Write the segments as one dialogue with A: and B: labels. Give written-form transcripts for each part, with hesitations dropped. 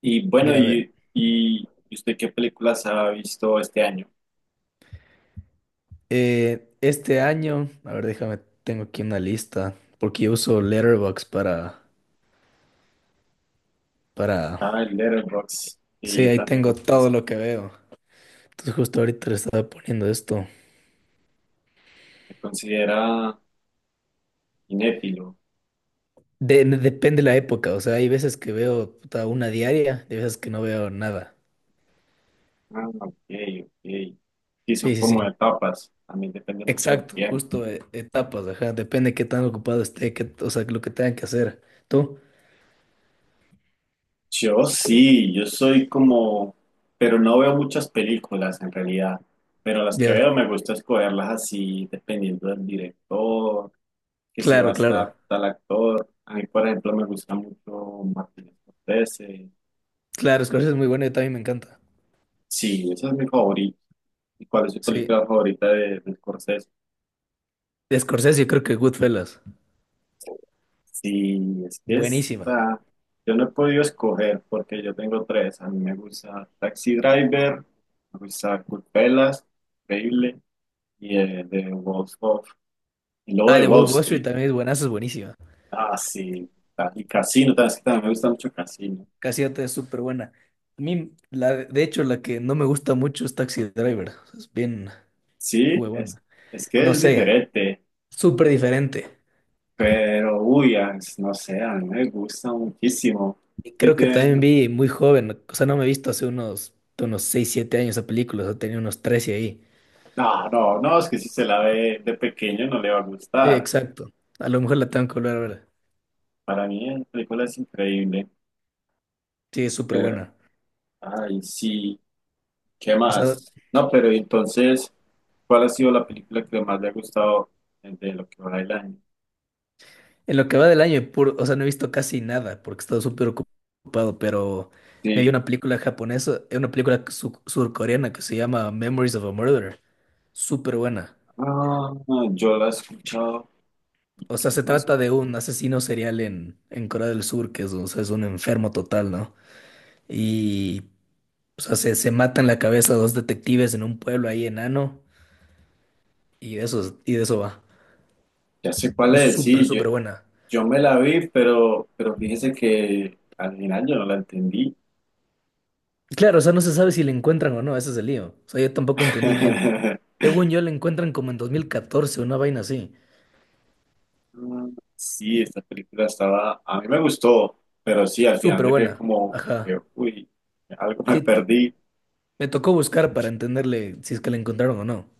A: Y bueno,
B: Ya ve.
A: y, y ¿y usted qué películas ha visto este año?
B: Este año, a ver, déjame, tengo aquí una lista, porque yo uso Letterboxd para...
A: Ah, el Letterboxd, que
B: Sí,
A: yo
B: ahí
A: también
B: tengo
A: lo
B: todo
A: conozco.
B: lo que veo. Entonces justo ahorita le estaba poniendo esto.
A: ¿Se considera cinéfilo?
B: Depende la época, o sea, hay veces que veo puta, una diaria, y hay veces que no veo nada.
A: Ah, ok, ok. Sí,
B: Sí,
A: son
B: sí, sí.
A: como etapas. A mí depende mucho del
B: Exacto,
A: tiempo.
B: justo etapas, ajá, depende qué tan ocupado esté, o sea, lo que tengan que hacer. ¿Tú?
A: Yo sí, yo soy como, pero no veo muchas películas en realidad. Pero las que
B: Ya.
A: veo me gusta escogerlas así, dependiendo del director, que si va a
B: Claro, claro.
A: estar tal actor. A mí, por ejemplo, me gusta mucho Martin Scorsese.
B: Claro, Scorsese es muy bueno y también me encanta.
A: Sí, esa es mi favorita. ¿Y cuál es su
B: Sí.
A: película favorita de Scorsese?
B: De Scorsese yo creo que Goodfellas.
A: Sí, es que
B: Buenísima.
A: está. Yo no he podido escoger porque yo tengo tres. A mí me gusta Taxi Driver, me gusta Culpelas, increíble, y The Wolf of. Y luego
B: Ah,
A: de
B: The
A: Wall
B: Wolf of Wall Street
A: Street.
B: también es buenazo, es buenísima.
A: Ah, sí. Y Casino, es que también me gusta mucho Casino.
B: Cassiopeia es súper buena. A mí, de hecho, la que no me gusta mucho es Taxi Driver. Es bien
A: Sí, es,
B: huevona.
A: es que
B: No
A: es
B: sé,
A: diferente,
B: súper diferente.
A: pero uy, no sé, a mí me gusta muchísimo.
B: Y
A: Que
B: creo que también
A: tiene.
B: vi muy joven. O sea, no me he visto hace unos 6 7 años esa película. O sea, tenía unos 13 ahí.
A: No, no, no, es que si se la ve de pequeño no le va a
B: Sí,
A: gustar.
B: exacto. A lo mejor la tengo que volver a ver.
A: Para mí la película es increíble.
B: Sí, es súper
A: Pero,
B: buena.
A: ay, sí, ¿qué
B: O sea,
A: más? No, pero entonces, ¿cuál ha sido la película que más le ha gustado de lo que va del año?
B: en lo que va del año, puro, o sea, no he visto casi nada porque he estado súper ocupado, pero me vi
A: Sí,
B: una película japonesa, una película surcoreana que se llama Memories of a Murderer. Súper buena.
A: ah, yo la he escuchado.
B: O sea, se
A: Es más,
B: trata de un asesino serial en Corea del Sur, que es, o sea, es un enfermo total, ¿no? Y, o sea, se matan la cabeza dos detectives en un pueblo ahí enano y de eso va.
A: ya sé cuál
B: Es
A: es,
B: súper,
A: sí, yo,
B: súper buena.
A: yo me la vi, pero, fíjese que al final yo no la entendí.
B: Claro, o sea, no se sabe si le encuentran o no, ese es el lío. O sea, yo tampoco entendí bien. Según yo la encuentran como en 2014, una vaina así.
A: Mm, sí, esta película estaba, a mí me gustó, pero sí, al final
B: Súper
A: yo quedé
B: buena.
A: como
B: Ajá.
A: que, uy, algo me
B: Sí,
A: perdí.
B: me tocó buscar para entenderle si es que la encontraron o no.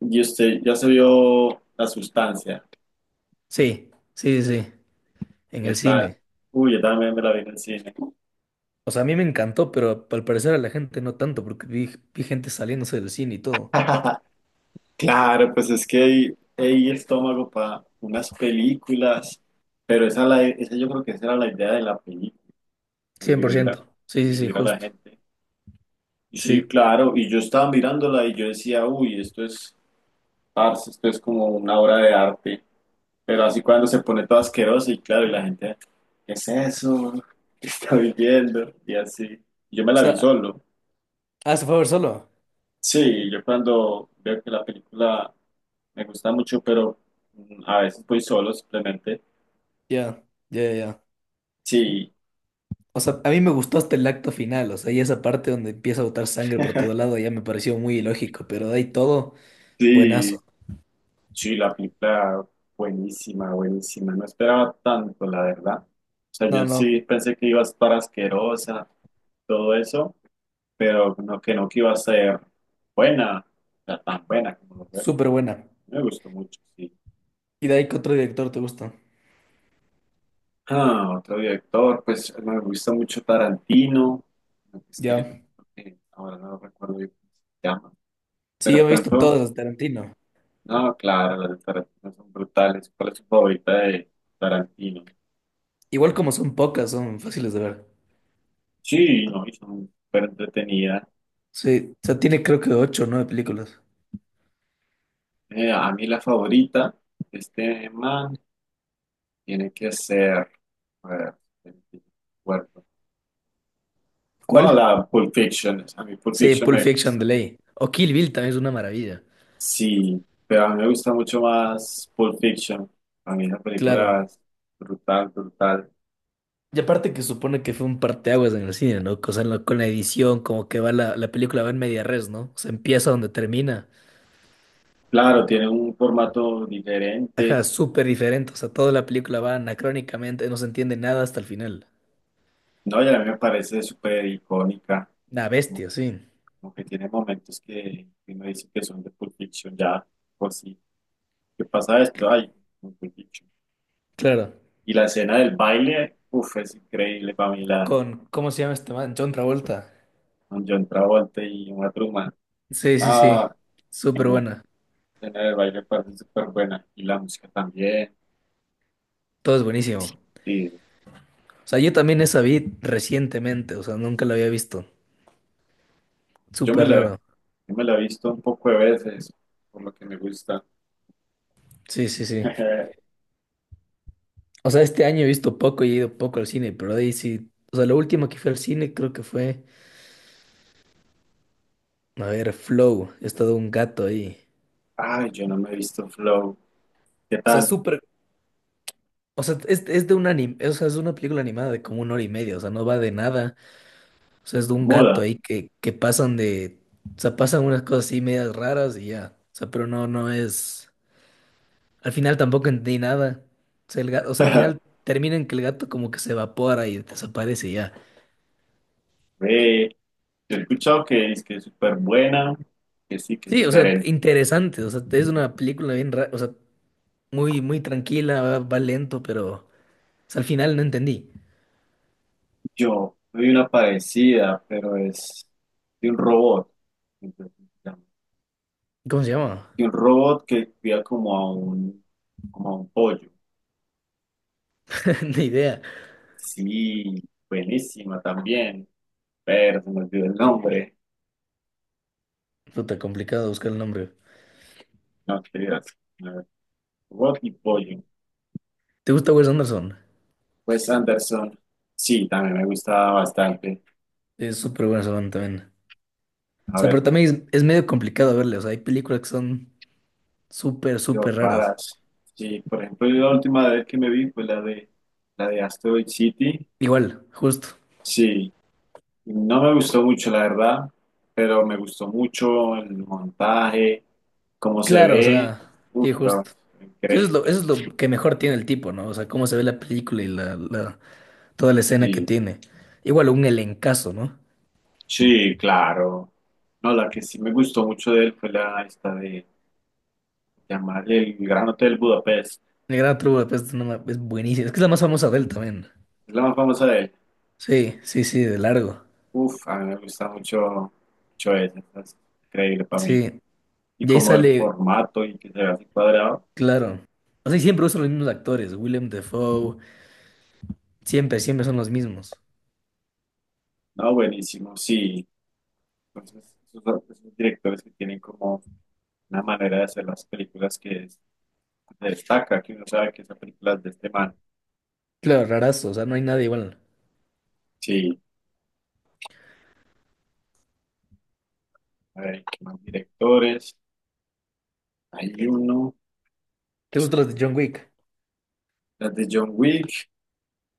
A: Y usted ya se vio La Sustancia,
B: Sí, sí, sí, en
A: ¿qué
B: el
A: tal?
B: cine.
A: Uy, yo también me la vi en el cine.
B: O sea, a mí me encantó, pero al parecer a la gente no tanto, porque vi gente saliéndose del cine y todo.
A: Claro, pues es que hay estómago para unas películas, pero esa yo creo que esa era la idea de la película, dividir a,
B: 100%. Sí, sí, sí,
A: dividir a la
B: justo.
A: gente. Sí,
B: Sí.
A: claro, y yo estaba mirándola y yo decía, uy, esto es, parce, esto es como una obra de arte, pero así cuando se pone todo asqueroso y claro, y la gente, ¿qué es eso? ¿Qué estoy viendo? Y así, yo me
B: O
A: la vi
B: sea,
A: solo.
B: ah, se fue a ver solo.
A: Sí, yo cuando veo que la película me gusta mucho, pero a veces voy solo simplemente.
B: Ya, ya, ya.
A: Sí,
B: O sea, a mí me gustó hasta el acto final, o sea, y esa parte donde empieza a botar sangre por todo lado ya me pareció muy ilógico, pero de ahí todo,
A: sí,
B: buenazo.
A: sí, la película buenísima, buenísima. No esperaba tanto, la verdad. O sea,
B: No,
A: yo
B: no.
A: sí pensé que iba a estar asquerosa, todo eso, pero no, que no que iba a ser buena, o sea, tan buena como lo fue
B: Súper
A: acá.
B: buena.
A: Me gustó mucho, sí.
B: Y de ahí que otro director te gusta.
A: Ah, otro director, pues me gusta mucho Tarantino. No sé,
B: Ya.
A: ahora no recuerdo bien cómo se llama.
B: Sí,
A: Pero
B: yo me he
A: por
B: visto
A: ejemplo,
B: todas las de Tarantino.
A: no, claro, las de Tarantino son brutales. ¿Cuál es su favorita de Tarantino?
B: Igual como son pocas, son fáciles de ver.
A: Sí, no, y son súper entretenidas.
B: Sí, o sea, tiene creo que ocho o nueve películas.
A: A mí la favorita, este man, tiene que ser, a ver, me acuerdo. No,
B: ¿Cuál?
A: la Pulp Fiction, a mí Pulp
B: Sí,
A: Fiction
B: Pulp
A: me
B: Fiction de
A: gusta.
B: ley. O Kill Bill también es una maravilla.
A: Sí, pero a mí me gusta mucho más Pulp Fiction. A mí esa película
B: Claro.
A: es brutal, brutal.
B: Y aparte que supone que fue un parteaguas en el cine, ¿no? O sea, con la edición, como que va la película va en media res, ¿no? O sea, empieza donde termina.
A: Claro, tiene un formato
B: Ajá,
A: diferente.
B: súper diferente. O sea, toda la película va anacrónicamente, no se entiende nada hasta el final.
A: No, y a mí me parece súper icónica,
B: Una
A: como,
B: bestia, sí.
A: como que tiene momentos que uno dice que son de Pulp Fiction ya, por sí. ¿Qué pasa esto? Ay, un Pulp Fiction.
B: Claro.
A: Y la escena del baile, uff, es increíble para mí, la
B: Con, ¿cómo se llama este man? John Travolta.
A: con John Travolta y una Thurman.
B: Sí, sí, sí.
A: Ah,
B: Súper
A: no,
B: buena.
A: la escena del baile me parece súper buena. Y la música también.
B: Todo es buenísimo.
A: Sí,
B: O sea, yo también esa vi recientemente, o sea, nunca la había visto.
A: yo me
B: Súper
A: la,
B: raro.
A: yo me la he visto un poco de veces, por lo que me gusta.
B: Sí, sí, sí. O sea, este año he visto poco y he ido poco al cine, pero de ahí sí. O sea, la última que fui al cine creo que fue, a ver, Flow. Es todo un gato ahí.
A: Ay, yo no me he visto Flow. ¿Qué
B: O sea, es
A: tal?
B: súper. O sea, es de un anime. O sea, es una película animada de como 1 hora y media. O sea, no va de nada. O sea, es de un gato
A: Moda.
B: ahí que pasan de, o sea, pasan unas cosas así medias raras y ya. O sea, pero no es, al final tampoco entendí nada. O sea, el gato, o sea, al final termina en que el gato como que se evapora y desaparece y ya.
A: Ve, yo he escuchado que es súper buena, que sí, que es
B: Sí, o sea,
A: diferente.
B: interesante, o sea, es una película bien rara, o sea, muy, muy tranquila, va lento, pero, o sea, al final no entendí.
A: Yo vi una parecida, pero es de un robot. Entonces, se llama.
B: ¿Cómo se llama?
A: Y un robot que cuida como a un pollo.
B: Ni idea.
A: Sí, buenísima también. Pero se me olvidó el nombre.
B: Puta, complicado buscar el nombre.
A: No, qué dirás. A ver, Robot y pollo.
B: ¿Te gusta Wes Anderson?
A: Pues Anderson, sí, también me gustaba bastante.
B: Es súper buena esa banda también. O
A: A
B: sea, pero
A: ver,
B: también es medio complicado verle. O sea, hay películas que son súper,
A: Dios,
B: súper raras.
A: raras. Sí, por ejemplo, yo la última vez que me vi fue la de Asteroid City.
B: Igual, justo.
A: Sí, no me gustó mucho, la verdad, pero me gustó mucho el montaje, cómo se
B: Claro, o
A: ve.
B: sea,
A: Uf,
B: sí,
A: no,
B: justo.
A: increíble.
B: Eso es lo que mejor tiene el tipo, ¿no? O sea, cómo se ve la película y toda la escena que
A: Sí,
B: tiene. Igual, un elencazo, ¿no?
A: sí, claro. No, la que sí me gustó mucho de él fue la esta de llamar el Gran Hotel Budapest.
B: El Gran Truco es buenísimo. Es que es la más famosa de él también.
A: Es la más famosa de él.
B: Sí, sí, sí, de largo.
A: Uf, a mí me gusta mucho, mucho ese, es increíble para mí.
B: Sí.
A: Y
B: Y ahí
A: como el
B: sale,
A: formato y que se vea así cuadrado,
B: claro. O sea, y siempre usan los mismos actores. William Defoe. Siempre, siempre son los mismos.
A: no, buenísimo, sí. Entonces, esos directores que tienen como una manera de hacer las películas que destaca, que uno sabe que esa película es de este man.
B: Claro, rarazo. O sea, no hay nada igual.
A: Sí, a ver, ¿qué más directores? Hay uno,
B: ¿Te gustan los de John Wick?
A: las de John Wick.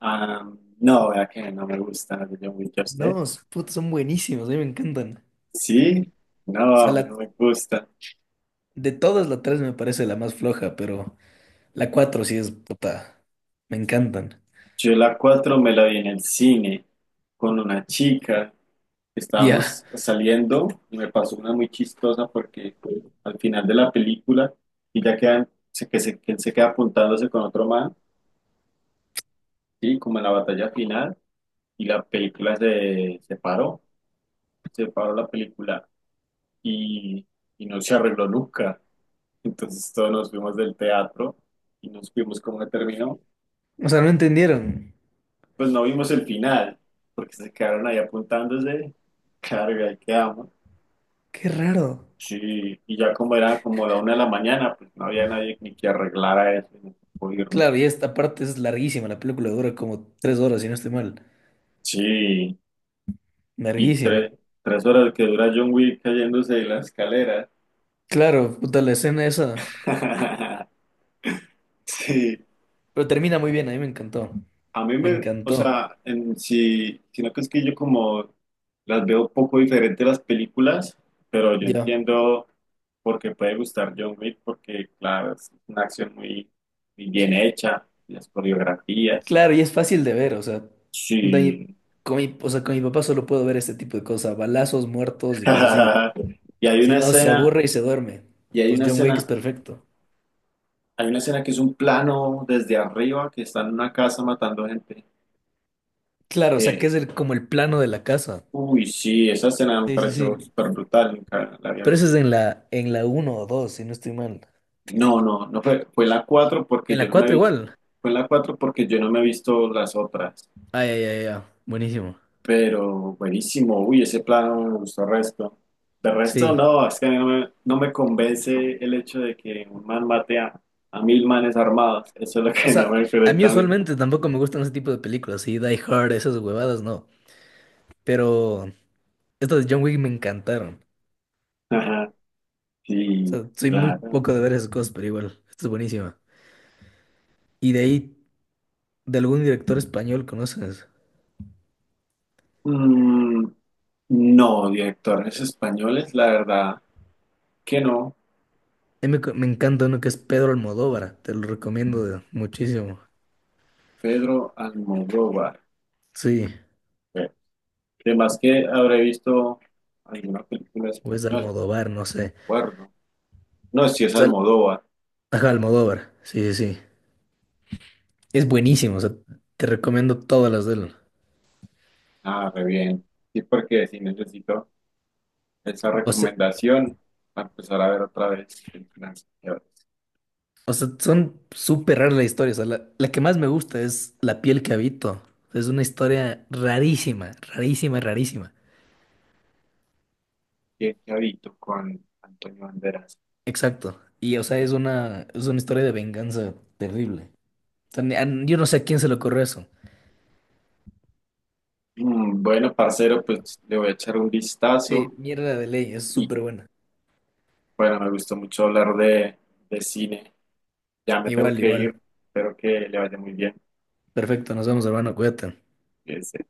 A: Ah, no, vea que no me gustan las de John Wick, ¿a usted?
B: No, puta, son buenísimos. A mí me encantan.
A: Sí, no,
B: Sea,
A: a mí no
B: la,
A: me gusta.
B: de todas la 3 me parece la más floja, pero la 4 sí es puta. Me encantan.
A: Yo la 4 me la vi en el cine con una chica.
B: Ya.
A: Estábamos saliendo y me pasó una muy chistosa porque al final de la película ella que él se queda apuntándose con otro man, ¿sí? Como en la batalla final y la película se paró, se paró, la película y, y no se arregló nunca. Entonces todos nos fuimos del teatro y nos fuimos como que terminó.
B: O sea, no entendieron.
A: Pues no vimos el final, porque se quedaron ahí apuntándose. Carga, ahí quedamos.
B: Qué raro.
A: Sí, y ya como era como la una de la mañana, pues no había nadie ni que arreglara eso, ni tocó irnos.
B: Claro, y esta parte es larguísima. La película dura como 3 horas, si no estoy mal.
A: Sí, y
B: Larguísima.
A: tres horas que dura John Wick cayéndose de la escalera.
B: Claro, puta, la escena esa.
A: Sí,
B: Pero termina muy bien, a mí me encantó.
A: a mí
B: Me
A: me, o
B: encantó.
A: sea, en, sí, si, sino que es que yo como las veo poco diferente las películas, pero yo
B: Ya.
A: entiendo por qué puede gustar John Wick, porque claro, es una acción muy, muy bien hecha, las coreografías,
B: Claro, y es fácil de ver, o sea. de-
A: sí.
B: con mi, o sea, con mi papá solo puedo ver este tipo de cosas. Balazos, muertos y cosas así.
A: Y hay
B: Si
A: una
B: no, se
A: escena,
B: aburre y se duerme.
A: y
B: Pues John Wick es perfecto.
A: hay una escena que es un plano desde arriba que está en una casa matando gente.
B: Claro, o sea,
A: Eh,
B: que es como el plano de la casa.
A: uy, sí, esa escena me
B: Sí, sí,
A: pareció
B: sí.
A: súper brutal, nunca la había
B: Pero eso es
A: visto.
B: en en la uno o 2 si no estoy mal.
A: No, no, no fue la 4 porque
B: En
A: yo
B: la
A: no me he
B: 4
A: visto,
B: igual.
A: fue la 4 porque yo no me he visto las otras,
B: Ay, ay, ay, ay. Buenísimo.
A: pero buenísimo, uy, ese plano me gustó resto. De resto,
B: Sí.
A: no, es que a mí no me convence el hecho de que un man mate a mil manes armados, eso es lo
B: O
A: que no
B: sea,
A: me
B: a mí
A: conecta a mí.
B: usualmente tampoco me gustan ese tipo de películas. Sí, Die Hard, esas huevadas, no. Pero estas de John Wick me encantaron.
A: Ajá,
B: O
A: sí,
B: sea, soy muy
A: claro.
B: poco de ver esas cosas, pero igual. Esto es buenísima. Y de ahí, de algún director español conoces.
A: Mm, no, directores españoles, la verdad que no,
B: Ahí me encanta uno que es Pedro Almodóvar, te lo recomiendo muchísimo.
A: Pedro Almodóvar.
B: Sí,
A: Además que habré visto alguna película
B: o es
A: española,
B: Almodóvar, no sé.
A: recuerdo. No, si
B: O
A: es
B: sea,
A: Almodóvar.
B: ajá, Almodóvar, sí, sí, sí. Es buenísimo, o sea, te recomiendo todas las de él.
A: Ah, re bien. Sí, porque sí necesito esa
B: O sea,
A: recomendación para empezar a ver otra vez el financiero.
B: o sea, son súper raras las historias. O sea, la que más me gusta es La piel que habito. Es una historia rarísima, rarísima, rarísima.
A: ¿Qué habito con Antonio Banderas?
B: Exacto. Y, o sea, es una historia de venganza terrible. O sea, yo no sé a quién se le ocurrió eso.
A: Bueno, parcero, pues le voy a echar un vistazo.
B: Sí, mierda de ley, es
A: Y
B: súper buena.
A: bueno, me gustó mucho hablar de cine. Ya me tengo
B: Igual,
A: que ir.
B: igual.
A: Espero que le vaya muy bien.
B: Perfecto, nos vemos, hermano, cuídate.
A: Que se